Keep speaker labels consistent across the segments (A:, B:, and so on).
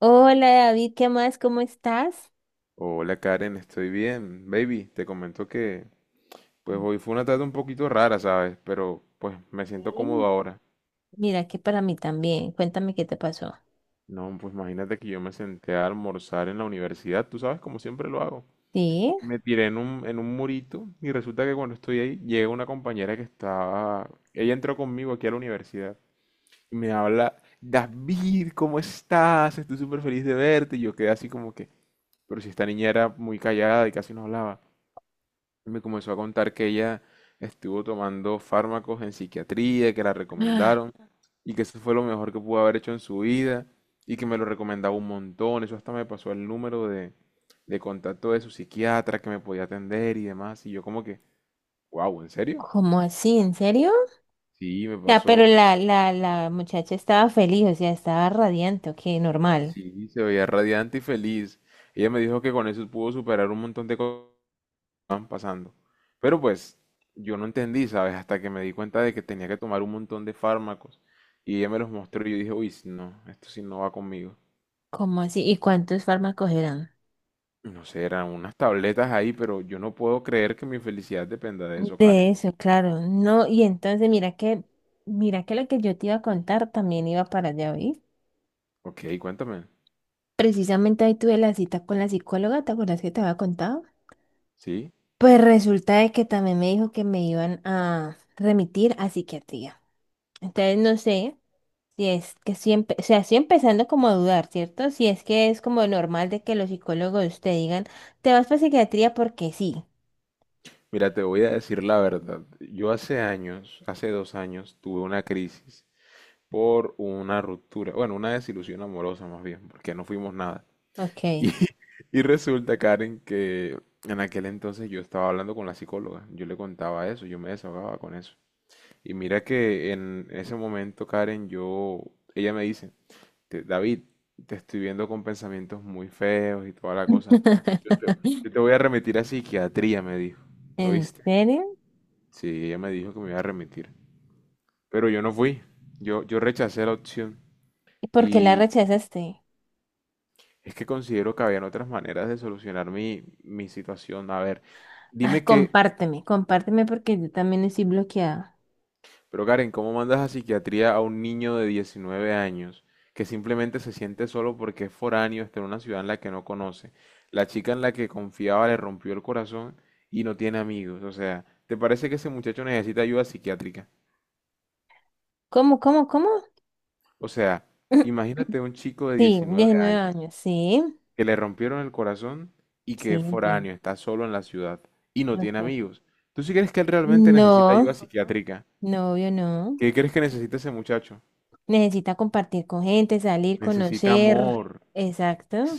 A: Hola David, ¿qué más? ¿Cómo estás?
B: Hola Karen, estoy bien. Baby, te comento que pues hoy fue una tarde un poquito rara, ¿sabes? Pero pues me siento cómodo
A: Bien.
B: ahora.
A: Mira que para mí también. Cuéntame qué te pasó.
B: No, pues imagínate que yo me senté a almorzar en la universidad, tú sabes, como siempre lo hago.
A: ¿Sí?
B: Me tiré en un murito y resulta que cuando estoy ahí llega una compañera que estaba... Ella entró conmigo aquí a la universidad y me habla, David, ¿cómo estás? Estoy súper feliz de verte. Y yo quedé así como que, pero si esta niña era muy callada y casi no hablaba. Me comenzó a contar que ella estuvo tomando fármacos en psiquiatría, que la
A: Ah.
B: recomendaron y que eso fue lo mejor que pudo haber hecho en su vida y que me lo recomendaba un montón. Eso hasta me pasó el número de contacto de su psiquiatra que me podía atender y demás. Y yo como que, wow, ¿en serio?
A: ¿Cómo así? ¿En serio?
B: Sí, me
A: Ya, pero
B: pasó.
A: la muchacha estaba feliz, o sea, estaba radiante, ok, normal.
B: Sí, se veía radiante y feliz. Ella me dijo que con eso pudo superar un montón de co- van pasando. Pero pues yo no entendí, ¿sabes? Hasta que me di cuenta de que tenía que tomar un montón de fármacos y ella me los mostró y yo dije, uy, no, esto sí no va conmigo.
A: ¿Cómo así? ¿Y cuántos fármacos eran?
B: No sé, eran unas tabletas ahí, pero yo no puedo creer que mi felicidad dependa de eso,
A: De
B: Karen.
A: eso, claro. No, y entonces mira que lo que yo te iba a contar también iba para allá, ¿vi?
B: Ok, cuéntame.
A: Precisamente ahí tuve la cita con la psicóloga, ¿te acuerdas que te había contado?
B: Sí.
A: Pues resulta de que también me dijo que me iban a remitir a psiquiatría. Entonces no sé si es que siempre, o sea, estoy empezando como a dudar, ¿cierto? Si es que es como normal de que los psicólogos te digan, te vas para psiquiatría porque sí.
B: Mira, te voy a decir la verdad. Yo hace años, hace 2 años, tuve una crisis por una ruptura, bueno, una desilusión amorosa más bien, porque no fuimos nada.
A: Ok.
B: Y, y resulta, Karen, que en aquel entonces yo estaba hablando con la psicóloga, yo le contaba eso, yo me desahogaba con eso. Y mira que en ese momento, Karen, yo, ella me dice, David, te estoy viendo con pensamientos muy feos y toda la cosa. Yo te voy a remitir a psiquiatría, me dijo.
A: ¿En
B: ¿Oíste?
A: serio?
B: Sí, ella me dijo que me iba a remitir. Pero yo no fui, yo rechacé la opción.
A: ¿Y por qué la
B: Y
A: rechazaste?
B: es que considero que habían otras maneras de solucionar mi situación. A ver.
A: Ah,
B: Dime qué,
A: compárteme, compárteme porque yo también estoy bloqueada.
B: Pero Karen, ¿cómo mandas a psiquiatría a un niño de 19 años que simplemente se siente solo porque es foráneo, está en una ciudad en la que no conoce? La chica en la que confiaba le rompió el corazón y no tiene amigos. O sea, ¿te parece que ese muchacho necesita ayuda psiquiátrica?
A: ¿Cómo, cómo, cómo?
B: O sea, imagínate un chico de
A: Sí,
B: 19
A: 19
B: años
A: años, sí,
B: que le rompieron el corazón y que es
A: sí, entiendo.
B: foráneo, está solo en la ciudad y no tiene
A: Okay.
B: amigos. ¿Tú sí crees que él realmente necesita ayuda
A: No,
B: psiquiátrica?
A: no, obvio no.
B: ¿Qué crees que necesita ese muchacho?
A: Necesita compartir con gente, salir,
B: Necesita
A: conocer,
B: amor.
A: exacto,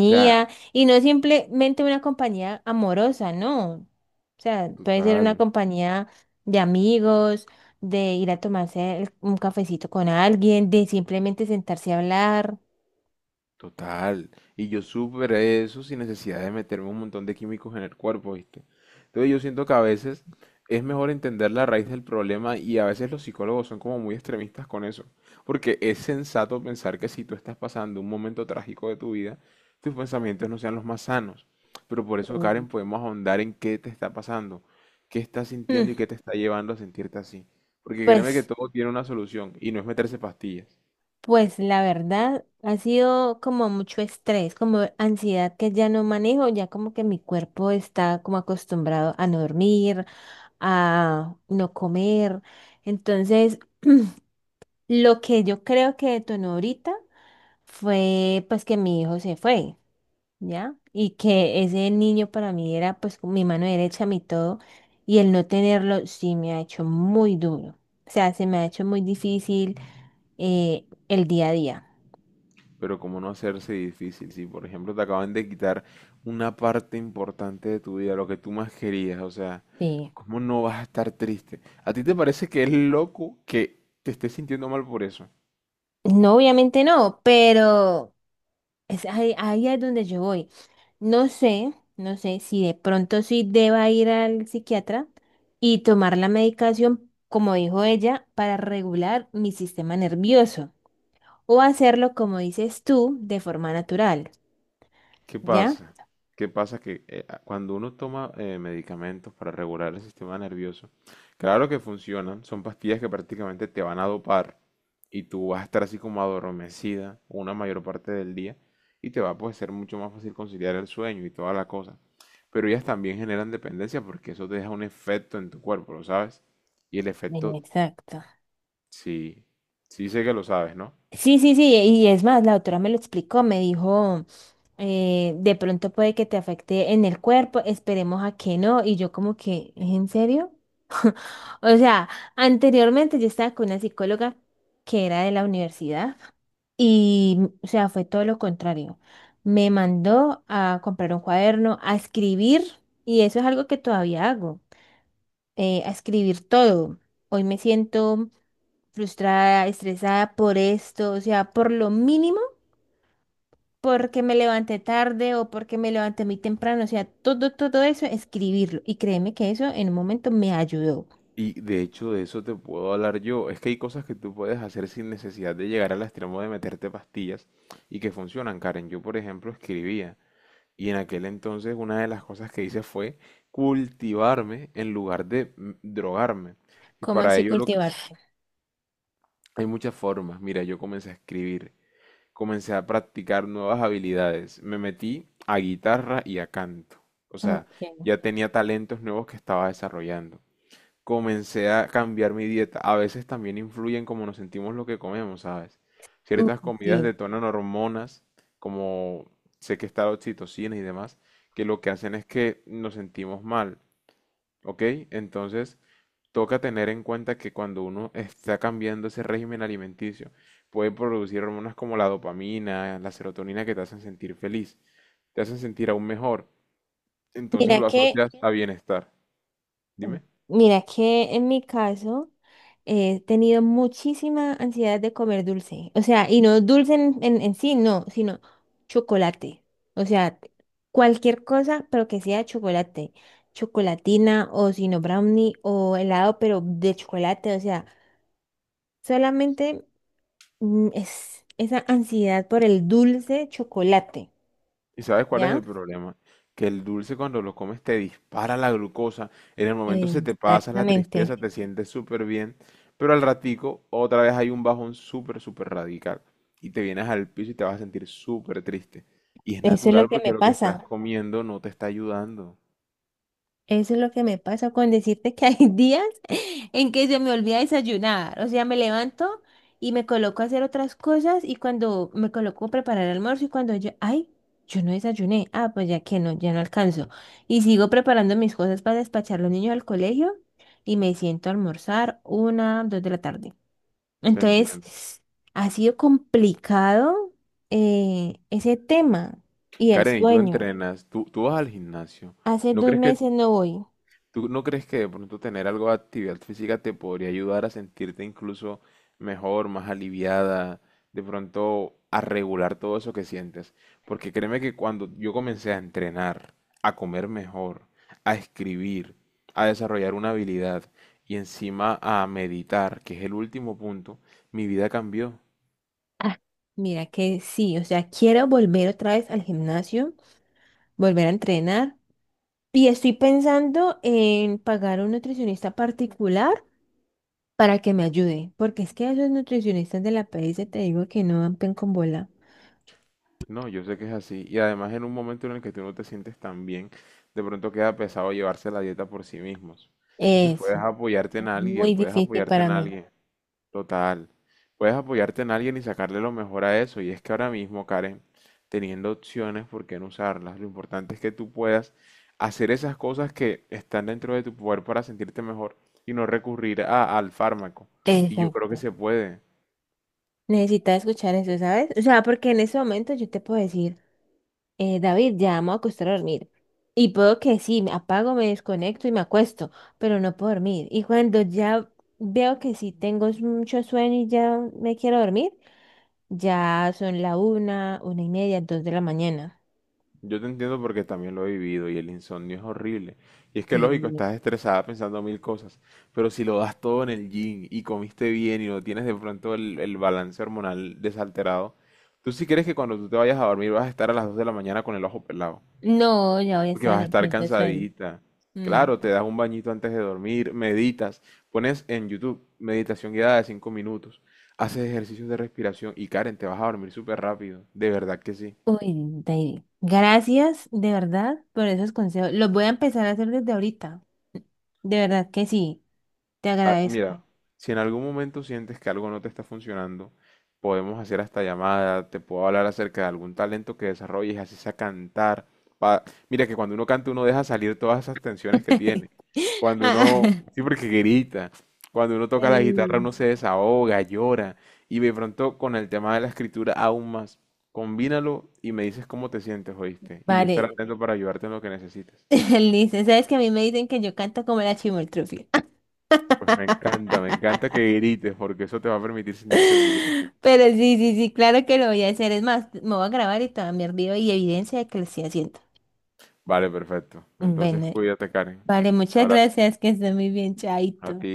B: O sea,
A: y no simplemente una compañía amorosa, no. O sea, puede ser una
B: total,
A: compañía de amigos, de ir a tomarse un cafecito con alguien, de simplemente sentarse a hablar.
B: total. Y yo superé eso sin necesidad de meterme un montón de químicos en el cuerpo, ¿viste? Entonces yo siento que a veces es mejor entender la raíz del problema y a veces los psicólogos son como muy extremistas con eso. Porque es sensato pensar que si tú estás pasando un momento trágico de tu vida, tus pensamientos no sean los más sanos. Pero por eso,
A: Sí.
B: Karen, podemos ahondar en qué te está pasando, qué estás
A: Mm.
B: sintiendo y qué te está llevando a sentirte así. Porque créeme que
A: Pues,
B: todo tiene una solución y no es meterse pastillas.
A: pues la verdad ha sido como mucho estrés, como ansiedad que ya no manejo, ya como que mi cuerpo está como acostumbrado a no dormir, a no comer. Entonces, lo que yo creo que detonó ahorita fue pues que mi hijo se fue, ¿ya? Y que ese niño para mí era pues como mi mano derecha, mi todo, y el no tenerlo sí me ha hecho muy duro. O sea, se me ha hecho muy difícil el día a día.
B: Pero cómo no hacerse difícil si, por ejemplo, te acaban de quitar una parte importante de tu vida, lo que tú más querías, o sea,
A: Sí.
B: ¿cómo no vas a estar triste? ¿A ti te parece que es loco que te estés sintiendo mal por eso?
A: No, obviamente no, pero es ahí, ahí es donde yo voy. No sé, no sé si de pronto sí deba ir al psiquiatra y tomar la medicación, como dijo ella, para regular mi sistema nervioso o hacerlo, como dices tú, de forma natural,
B: ¿Qué
A: ¿ya?
B: pasa? ¿Qué pasa? Que cuando uno toma medicamentos para regular el sistema nervioso, claro que funcionan, son pastillas que prácticamente te van a dopar y tú vas a estar así como adormecida una mayor parte del día y te va a pues, ser mucho más fácil conciliar el sueño y toda la cosa. Pero ellas también generan dependencia porque eso te deja un efecto en tu cuerpo, ¿lo sabes? Y el efecto,
A: Exacto.
B: sí, sí sé que lo sabes, ¿no?
A: Sí, sí, sí, y es más, la doctora me lo explicó, me dijo, de pronto puede que te afecte en el cuerpo, esperemos a que no, y yo como que, ¿es en serio? O sea, anteriormente yo estaba con una psicóloga que era de la universidad. Y, o sea, fue todo lo contrario. Me mandó a comprar un cuaderno, a escribir, y eso es algo que todavía hago, a escribir todo. Hoy me siento frustrada, estresada por esto, o sea, por lo mínimo, porque me levanté tarde o porque me levanté muy temprano, o sea, todo, todo eso, escribirlo. Y créeme que eso en un momento me ayudó.
B: Y de hecho de eso te puedo hablar yo. Es que hay cosas que tú puedes hacer sin necesidad de llegar al extremo de meterte pastillas y que funcionan, Karen. Yo, por ejemplo, escribía y en aquel entonces una de las cosas que hice fue cultivarme en lugar de drogarme. Y
A: ¿Cómo
B: para
A: así
B: ello lo que...
A: cultivarse?
B: hay muchas formas. Mira, yo comencé a escribir, comencé a practicar nuevas habilidades, me metí a guitarra y a canto. O sea,
A: Ok.
B: ya tenía talentos nuevos que estaba desarrollando comencé a cambiar mi dieta. A veces también influyen cómo nos sentimos lo que comemos, ¿sabes?
A: Uy,
B: Ciertas comidas
A: sí.
B: detonan hormonas, como sé que está la oxitocina y demás, que lo que hacen es que nos sentimos mal, ¿ok? Entonces, toca tener en cuenta que cuando uno está cambiando ese régimen alimenticio, puede producir hormonas como la dopamina, la serotonina que te hacen sentir feliz, te hacen sentir aún mejor. Entonces
A: Mira
B: lo
A: que
B: asocias a bienestar. Dime.
A: Mira que en mi caso he tenido muchísima ansiedad de comer dulce. O sea, y no dulce en sí, no, sino chocolate. O sea, cualquier cosa, pero que sea chocolate. Chocolatina o sino brownie o helado, pero de chocolate. O sea, solamente es esa ansiedad por el dulce chocolate.
B: ¿Y sabes cuál es
A: ¿Ya?
B: el problema? Que el dulce cuando lo comes te dispara la glucosa, en el momento se te pasa la
A: Exactamente.
B: tristeza, te sientes súper bien, pero al ratico otra vez hay un bajón súper, súper radical y te vienes al piso y te vas a sentir súper triste. Y es
A: Eso es lo
B: natural
A: que
B: porque
A: me
B: lo que estás
A: pasa.
B: comiendo no te está ayudando.
A: Eso es lo que me pasa con decirte que hay días en que se me olvida desayunar. O sea, me levanto y me coloco a hacer otras cosas y cuando me coloco a preparar el almuerzo y cuando yo, ay, yo no desayuné, ah, pues ya que no, ya no alcanzo. Y sigo preparando mis cosas para despachar a los niños al colegio y me siento a almorzar 1, 2 de la tarde.
B: Te
A: Entonces,
B: entiendo.
A: ha sido complicado ese tema y el
B: Karen, y tú
A: sueño.
B: entrenas, tú vas al gimnasio.
A: Hace
B: ¿No
A: dos
B: crees que
A: meses no voy.
B: ¿Tú no crees que de pronto tener algo de actividad física te podría ayudar a sentirte incluso mejor, más aliviada, de pronto a regular todo eso que sientes? Porque créeme que cuando yo comencé a entrenar, a comer mejor, a escribir, a desarrollar una habilidad y encima a meditar, que es el último punto, mi vida cambió.
A: Ah. Mira que sí, o sea, quiero volver otra vez al gimnasio, volver a entrenar. Y estoy pensando en pagar a un nutricionista particular para que me ayude, porque es que a esos nutricionistas de la PS te digo que no dan pen con bola.
B: No, yo sé que es así. Y además en un momento en el que tú no te sientes tan bien, de pronto queda pesado llevarse la dieta por sí mismos. Entonces
A: Eso,
B: puedes apoyarte
A: es
B: en alguien,
A: muy
B: puedes
A: difícil
B: apoyarte
A: para
B: en
A: mí.
B: alguien, total. Puedes apoyarte en alguien y sacarle lo mejor a eso. Y es que ahora mismo, Karen, teniendo opciones, ¿por qué no usarlas? Lo importante es que tú puedas hacer esas cosas que están dentro de tu poder para sentirte mejor y no recurrir al fármaco. Y yo creo
A: Exacto.
B: que se puede.
A: Necesitas escuchar eso, ¿sabes? O sea, porque en ese momento yo te puedo decir, David, ya vamos a acostar a dormir. Y puedo que sí, me apago, me desconecto y me acuesto, pero no puedo dormir. Y cuando ya veo que sí tengo mucho sueño y ya me quiero dormir, ya son la 1, 1 y media, 2 de la mañana.
B: Yo te entiendo porque también lo he vivido y el insomnio es horrible. Y es que lógico,
A: Sí.
B: estás estresada pensando mil cosas, pero si lo das todo en el gym y comiste bien y no tienes de pronto el balance hormonal desalterado, tú sí crees que cuando tú te vayas a dormir vas a estar a las 2 de la mañana con el ojo pelado,
A: No, ya voy a
B: porque
A: estar
B: vas
A: en
B: a
A: el
B: estar
A: cuento de sueño.
B: cansadita.
A: Mm.
B: Claro, te das un bañito antes de dormir, meditas, pones en YouTube meditación guiada de 5 minutos, haces ejercicios de respiración y Karen, te vas a dormir súper rápido, de verdad que sí.
A: Uy, David, gracias de verdad por esos consejos. Los voy a empezar a hacer desde ahorita. De verdad que sí, te
B: Ah, mira,
A: agradezco.
B: si en algún momento sientes que algo no te está funcionando, podemos hacer hasta llamada, te puedo hablar acerca de algún talento que desarrolles, así sea cantar. pa- Mira que cuando uno canta uno deja salir todas esas tensiones que tiene. Cuando uno,
A: Ah.
B: sí porque grita, cuando uno toca la guitarra
A: em,
B: uno se desahoga, llora. Y de pronto con el tema de la escritura aún más. Combínalo y me dices cómo te sientes, ¿oíste? Y yo estaré
A: Vale,
B: atento para ayudarte en lo que necesites.
A: listo. Sabes que a mí me dicen que yo canto como la chimoltrufia.
B: Pues me encanta que grites porque eso te va a permitir sentirte libre.
A: Pero sí, sí, sí, claro que lo voy a hacer. Es más, me voy a grabar y te voy a enviar video y evidencia de que lo estoy haciendo.
B: Vale, perfecto. Entonces
A: Bueno,
B: cuídate, Karen.
A: vale,
B: Un
A: muchas
B: abrazo
A: gracias, que esté muy bien,
B: a
A: chaito.
B: ti.